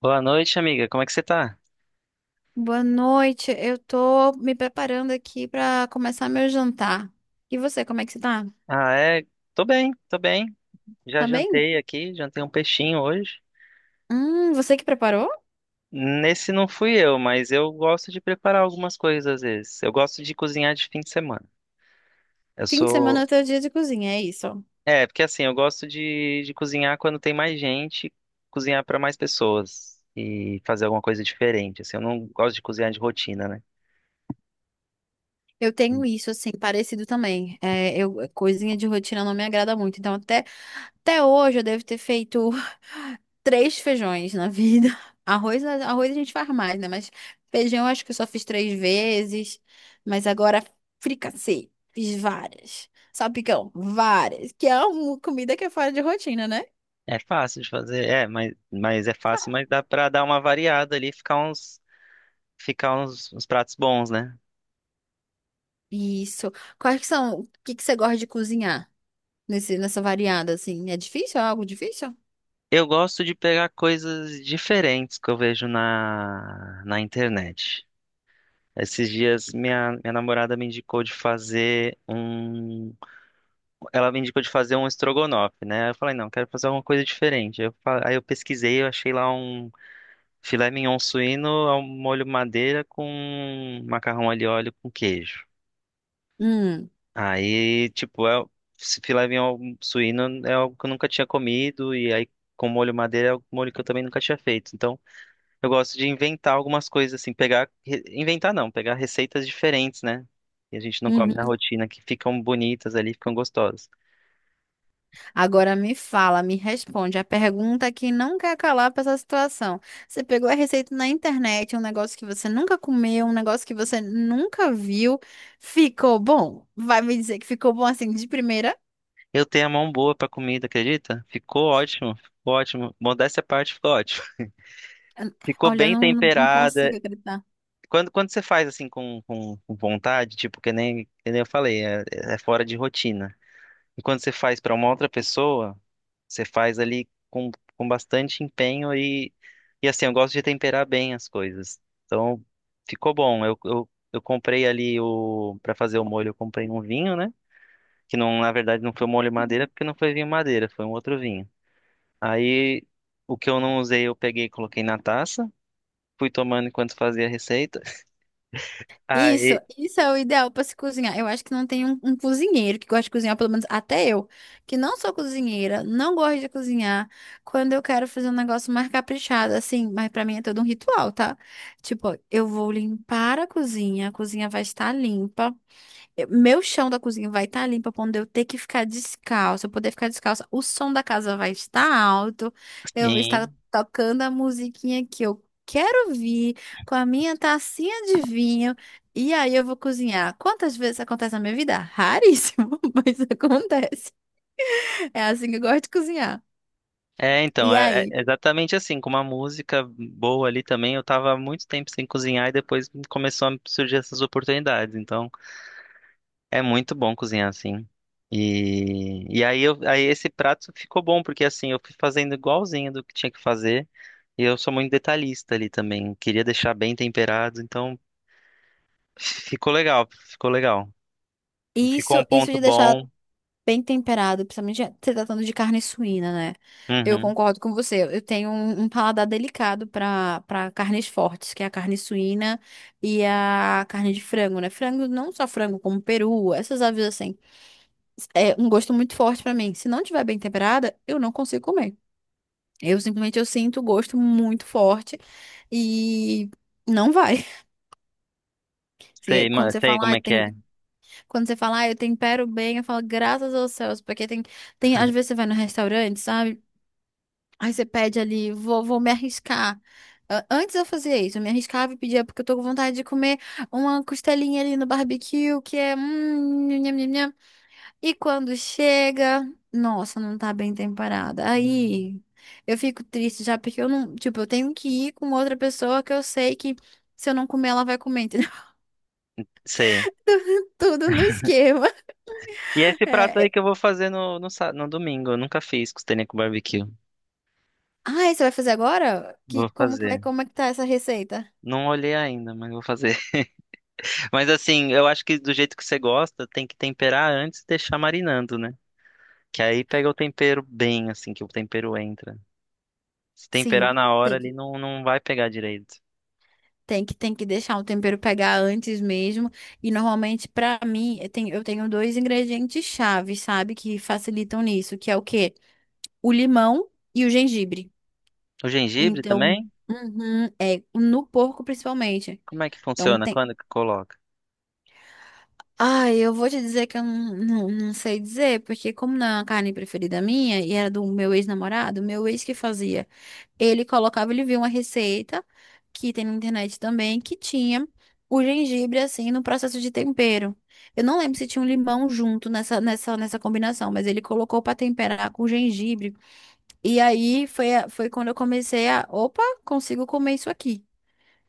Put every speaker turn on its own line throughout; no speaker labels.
Boa noite, amiga. Como é que você tá?
Boa noite. Eu tô me preparando aqui pra começar meu jantar. E você, como é que você tá?
Ah, é. Tô bem, tô bem. Já
Tá bem?
jantei aqui, jantei um peixinho hoje.
Você que preparou?
Nesse não fui eu, mas eu gosto de preparar algumas coisas às vezes. Eu gosto de cozinhar de fim de semana. Eu
Fim de semana é
sou.
teu dia de cozinha, é isso.
É, porque assim, eu gosto de cozinhar quando tem mais gente, cozinhar pra mais pessoas e fazer alguma coisa diferente. Assim, eu não gosto de cozinhar de rotina, né?
Eu tenho isso, assim, parecido também. É, coisinha de rotina não me agrada muito. Então, até hoje eu devo ter feito três feijões na vida. Arroz, arroz a gente faz mais, né? Mas feijão acho que eu só fiz três vezes. Mas agora fricassê, fiz várias. Salpicão, várias. Que é uma comida que é fora de rotina, né?
É fácil de fazer, é, mas é fácil, mas dá pra dar uma variada ali, ficar uns pratos bons, né?
Isso. Quais que são? O que que você gosta de cozinhar nessa variada, assim? É difícil? É algo difícil?
Eu gosto de pegar coisas diferentes que eu vejo na internet. Esses dias minha namorada me indicou de fazer um. Ela me indicou de fazer um estrogonofe, né? Eu falei, não, quero fazer alguma coisa diferente. Aí eu pesquisei, eu achei lá um filé mignon suíno ao molho madeira com macarrão alho e óleo com queijo.
Hum.
Aí, tipo, esse filé mignon suíno é algo que eu nunca tinha comido, e aí com molho madeira é um molho que eu também nunca tinha feito. Então. Eu gosto de inventar algumas coisas, assim, pegar. Inventar não, pegar receitas diferentes, né? E a gente não come na
Uhum.
rotina, que ficam bonitas ali, ficam gostosas.
Agora me responde a pergunta que não quer calar para essa situação. Você pegou a receita na internet, um negócio que você nunca comeu, um negócio que você nunca viu, ficou bom? Vai me dizer que ficou bom assim de primeira?
Eu tenho a mão boa pra comida, acredita? Ficou ótimo, ficou ótimo. Modéstia à parte, ficou ótimo. Ficou
Olha, eu
bem
não consigo
temperada.
acreditar.
Quando você faz assim com vontade, tipo, que nem eu falei, é, fora de rotina. E quando você faz pra uma outra pessoa. Você faz ali com bastante empenho e assim, eu gosto de temperar bem as coisas. Então, ficou bom. Eu comprei ali para fazer o molho, eu comprei um vinho, né? Que não, na verdade, não foi um molho madeira, porque não foi vinho madeira, foi um outro vinho. Aí, o que eu não usei, eu peguei e coloquei na taça. Fui tomando enquanto fazia a receita.
Isso,
Aí,
isso é o ideal para se cozinhar. Eu acho que não tem um cozinheiro que gosta de cozinhar, pelo menos até eu, que não sou cozinheira, não gosto de cozinhar. Quando eu quero fazer um negócio mais caprichado, assim, mas para mim é todo um ritual, tá? Tipo, eu vou limpar a cozinha vai estar limpa. Meu chão da cozinha vai estar limpo pra onde eu ter que ficar descalça, eu poder ficar descalça. O som da casa vai estar alto. Eu vou estar
sim.
tocando a musiquinha que eu quero ouvir, com a minha tacinha de vinho. E aí eu vou cozinhar. Quantas vezes acontece na minha vida? Raríssimo, mas acontece. É assim que eu gosto de cozinhar.
É, então,
E
é,
aí?
é exatamente assim, com uma música boa ali também. Eu tava há muito tempo sem cozinhar e depois começou a surgir essas oportunidades. Então, é muito bom cozinhar assim. E aí, aí esse prato ficou bom, porque assim, eu fui fazendo igualzinho do que tinha que fazer. E eu sou muito detalhista ali também. Queria deixar bem temperado, então ficou legal, ficou legal. Ficou um
Isso
ponto
de deixar
bom.
bem temperado, principalmente se tratando de carne suína, né? Eu
Uhum.
concordo com você. Eu tenho um paladar delicado para carnes fortes, que é a carne suína e a carne de frango, né? Frango, não só frango, como peru, essas aves assim. É um gosto muito forte para mim. Se não tiver bem temperada, eu não consigo comer. Eu simplesmente eu sinto o gosto muito forte e não vai.
Sei,
Quando você
sei
fala,
como
ah,
é que é.
tem. Quando você fala, ah, eu tempero bem, eu falo, graças aos céus, porque tem, às vezes você vai no restaurante, sabe? Aí você pede ali, vou me arriscar. Antes eu fazia isso, eu me arriscava e pedia, porque eu tô com vontade de comer uma costelinha ali no barbecue, que é, nham, nham, nham, nham. E quando chega, nossa, não tá bem temperada.
Hum.
Aí eu fico triste já, porque eu não. Tipo, eu tenho que ir com outra pessoa que eu sei que se eu não comer, ela vai comer, entendeu?
Sei.
Tudo no esquema.
E é esse prato aí
É.
que eu vou fazer no domingo. Eu nunca fiz costelinha com barbecue.
Ah, e você vai fazer agora? Que,
Vou
como que vai,
fazer.
como é que tá essa receita?
Não olhei ainda, mas vou fazer. Mas assim, eu acho que do jeito que você gosta, tem que temperar antes e deixar marinando, né? Que aí pega o tempero bem, assim, que o tempero entra. Se
Sim.
temperar na hora, ali
tem.
não vai pegar direito.
Tem que deixar o tempero pegar antes mesmo. E normalmente, pra mim, eu tenho dois ingredientes chaves, sabe? Que facilitam nisso, que é o quê? O limão e o gengibre.
O gengibre
Então,
também?
uhum, é, no porco principalmente.
Como é que
Então,
funciona?
tem,
Quando que coloca?
Ai, eu vou te dizer que eu não sei dizer, porque como não é uma carne preferida minha, e era do meu ex-namorado, meu ex que fazia. Ele viu uma receita, que tem na internet também, que tinha o gengibre, assim, no processo de tempero. Eu não lembro se tinha um limão junto nessa combinação, mas ele colocou para temperar com gengibre. E aí foi quando eu comecei a, opa, consigo comer isso aqui.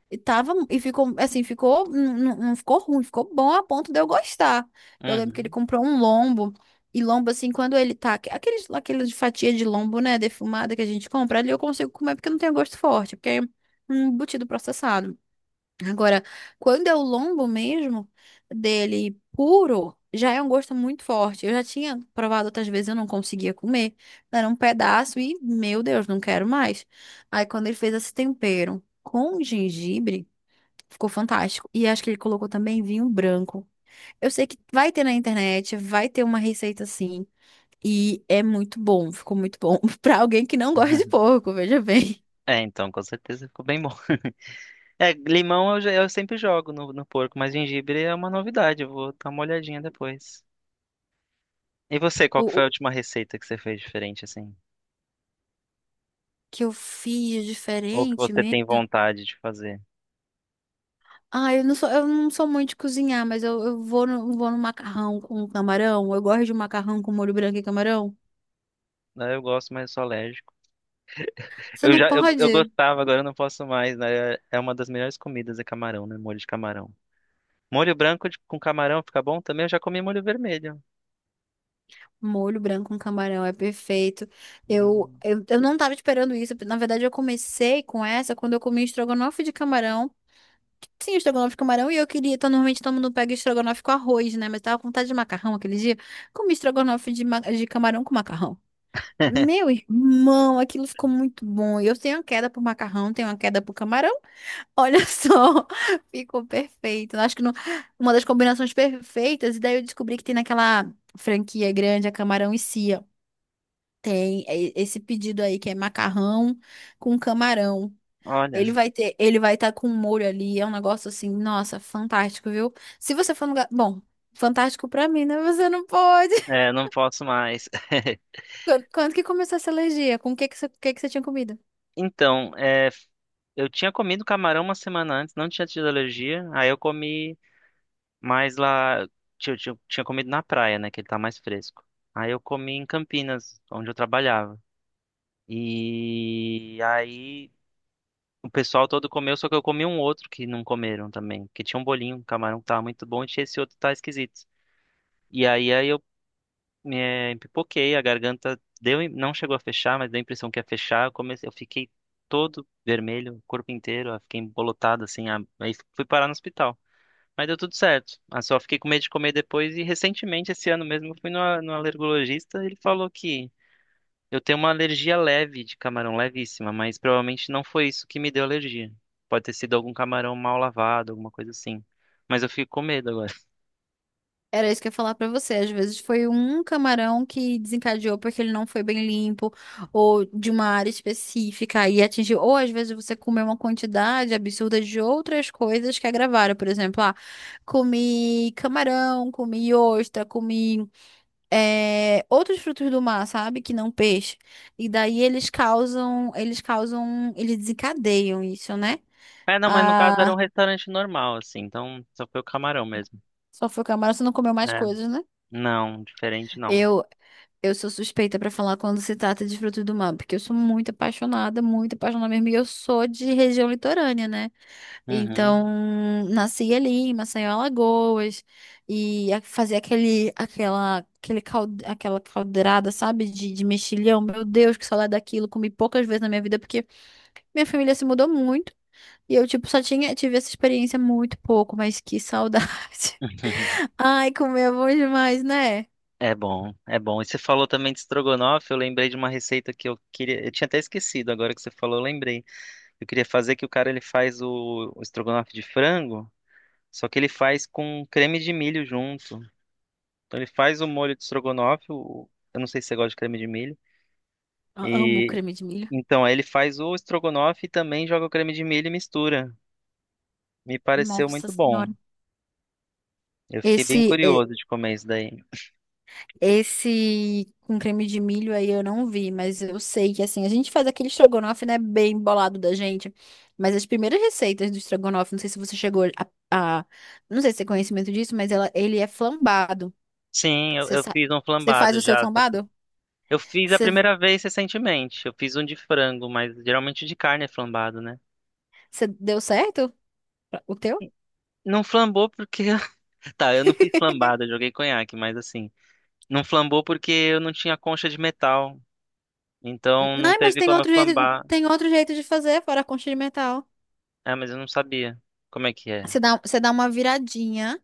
E ficou, assim, ficou, não ficou ruim, ficou bom a ponto de eu gostar. Eu lembro que ele
Uhum.
comprou um lombo, e lombo, assim, quando ele tá, aquela de fatia de lombo, né, defumada que a gente compra, ali eu consigo comer porque não tem gosto forte, porque é um embutido processado. Agora, quando é o lombo mesmo, dele puro, já é um gosto muito forte. Eu já tinha provado outras vezes, eu não conseguia comer. Era um pedaço e, meu Deus, não quero mais. Aí, quando ele fez esse tempero com gengibre, ficou fantástico. E acho que ele colocou também vinho branco. Eu sei que vai ter na internet, vai ter uma receita assim. E é muito bom, ficou muito bom. Pra alguém que não gosta de
Uhum.
porco, veja bem.
É, então, com certeza ficou bem bom. É, limão eu sempre jogo no porco, mas gengibre é uma novidade. Eu vou dar uma olhadinha depois. E você, qual
O,
que foi a
o
última receita que você fez diferente, assim?
que eu fiz
Ou que
diferente
você tem
mesmo.
vontade de fazer?
Ah, eu não sou muito de cozinhar, mas eu vou no macarrão com camarão. Eu gosto de macarrão com molho branco e camarão.
Ah, eu gosto, mas eu sou alérgico.
Você
Eu
não
já eu, eu
pode?
gostava, agora eu não posso mais, né? É uma das melhores comidas, é camarão, né? Molho de camarão. Molho branco com camarão fica bom também. Eu já comi molho vermelho.
Molho branco com camarão é perfeito. Eu,
Hum.
eu, eu não tava esperando isso. Na verdade, eu comecei com essa quando eu comi estrogonofe de camarão. Sim, estrogonofe de camarão. E eu queria. Então, normalmente todo mundo pega estrogonofe com arroz, né? Mas tava com vontade de macarrão aquele dia. Comi estrogonofe de camarão com macarrão. Meu irmão, aquilo ficou muito bom. Eu tenho uma queda por macarrão, tenho uma queda por camarão. Olha só, ficou perfeito. Acho que uma das combinações perfeitas. E daí eu descobri que tem naquela franquia grande, a camarão e cia. Tem é, esse pedido aí que é macarrão com camarão.
Olha,
Ele vai estar com um molho ali, é um negócio assim, nossa, fantástico, viu? Se você for no lugar, bom, fantástico pra mim, né? Você não pode.
é, não posso mais.
Quando que começou essa alergia? Com o que que você, O que que você tinha comido?
Então, eu tinha comido camarão uma semana antes, não tinha tido alergia. Aí eu comi mais lá. Tinha comido na praia, né? Que ele tá mais fresco. Aí eu comi em Campinas, onde eu trabalhava. E aí. O pessoal todo comeu, só que eu comi um outro que não comeram também. Que tinha um bolinho, um camarão que tava muito bom e tinha esse outro que tá esquisito. E aí eu me pipoquei, a garganta deu, não chegou a fechar, mas deu a impressão que ia fechar. Eu comecei, eu fiquei todo vermelho, o corpo inteiro, eu fiquei embolotado assim. Aí fui parar no hospital. Mas deu tudo certo. Ah, só fiquei com medo de comer depois e recentemente, esse ano mesmo, eu fui no alergologista e ele falou que eu tenho uma alergia leve de camarão, levíssima, mas provavelmente não foi isso que me deu alergia. Pode ter sido algum camarão mal lavado, alguma coisa assim. Mas eu fico com medo agora.
Era isso que eu ia falar pra você. Às vezes foi um camarão que desencadeou porque ele não foi bem limpo, ou de uma área específica e atingiu. Ou às vezes você comeu uma quantidade absurda de outras coisas que agravaram. Por exemplo, ah, comi camarão, comi ostra, comi outros frutos do mar, sabe? Que não peixe. E daí eles desencadeiam isso, né?
É, não, mas no caso era um
Ah,
restaurante normal, assim, então só foi o camarão mesmo.
só foi camarão, você não comeu mais
É,
coisas, né?
não, diferente não.
Eu, Eu sou suspeita pra falar quando se trata de frutos do mar, porque eu sou muito apaixonada mesmo, e eu sou de região litorânea, né?
Uhum.
Então, nasci ali em Maceió, Alagoas, e fazer aquele, aquela, aquele cal, aquela caldeirada, sabe, de mexilhão, meu Deus, que saudade daquilo, comi poucas vezes na minha vida, porque minha família se mudou muito, e eu, tipo, tive essa experiência muito pouco, mas que saudade. Ai, comer é bom demais, né?
É bom, é bom. E você falou também de estrogonofe, eu lembrei de uma receita que eu queria, eu tinha até esquecido, agora que você falou, eu lembrei. Eu queria fazer que o cara ele faz o estrogonofe de frango, só que ele faz com creme de milho junto. Então ele faz o molho de estrogonofe, eu não sei se você gosta de creme de milho.
Amo
E
creme de milho.
então aí ele faz o estrogonofe e também joga o creme de milho e mistura. Me pareceu
Nossa
muito bom.
senhora.
Eu fiquei bem
Esse, é-
curioso de comer isso daí.
esse com creme de milho aí eu não vi, mas eu sei que assim, a gente faz aquele estrogonofe, né, bem bolado da gente, mas as primeiras receitas do estrogonofe, a- não sei se você tem conhecimento disso, mas ele é flambado.
Sim, eu,
Você
eu
sabe,
fiz um
você faz o
flambado
seu
já. Só que
flambado?
Eu fiz a
Você,
primeira vez recentemente. Eu fiz um de frango, mas geralmente de carne é flambado, né?
você deu certo o teu?
Não flambou porque. Tá, eu não fiz flambado, eu joguei conhaque, mas assim. Não flambou porque eu não tinha concha de metal. Então não
Não, mas
teve como eu flambar.
tem outro jeito de fazer fora a conchita de metal.
Ah, mas eu não sabia. Como é que é?
Você dá uma viradinha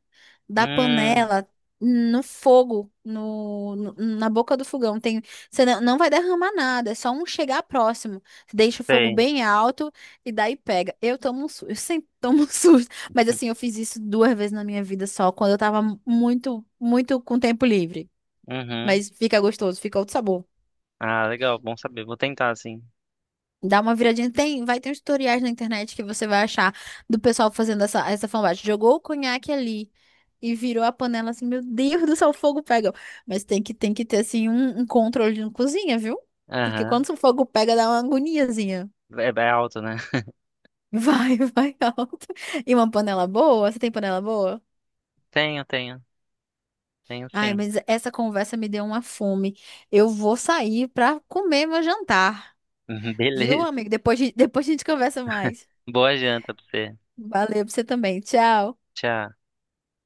da
Hum,
panela no fogo, na boca do fogão. Você não vai derramar nada, é só um chegar próximo. Deixa o fogo
sei.
bem alto e daí pega. Eu tomo um susto, eu sempre tomo um susto. Mas assim, eu fiz isso duas vezes na minha vida só, quando eu tava muito, muito com tempo livre.
Uhum.
Mas fica gostoso, fica outro sabor.
Ah, legal, bom saber. Vou tentar, sim.
Dá uma viradinha. Vai ter uns tutoriais na internet que você vai achar do pessoal fazendo essa fanbase. Jogou o conhaque ali. E virou a panela assim, meu Deus do céu, o fogo pega. Mas tem que ter assim um controle na cozinha, viu? Porque
Aham.
quando o fogo pega, dá uma agoniazinha.
É, é alto, né?
Vai, vai alto. E uma panela boa? Você tem panela boa?
Tenho, tenho. Tenho
Ai,
sim.
mas essa conversa me deu uma fome. Eu vou sair pra comer meu jantar, viu,
Beleza.
amigo? Depois, depois a gente conversa mais.
Boa janta pra você.
Valeu pra você também. Tchau.
Tchau.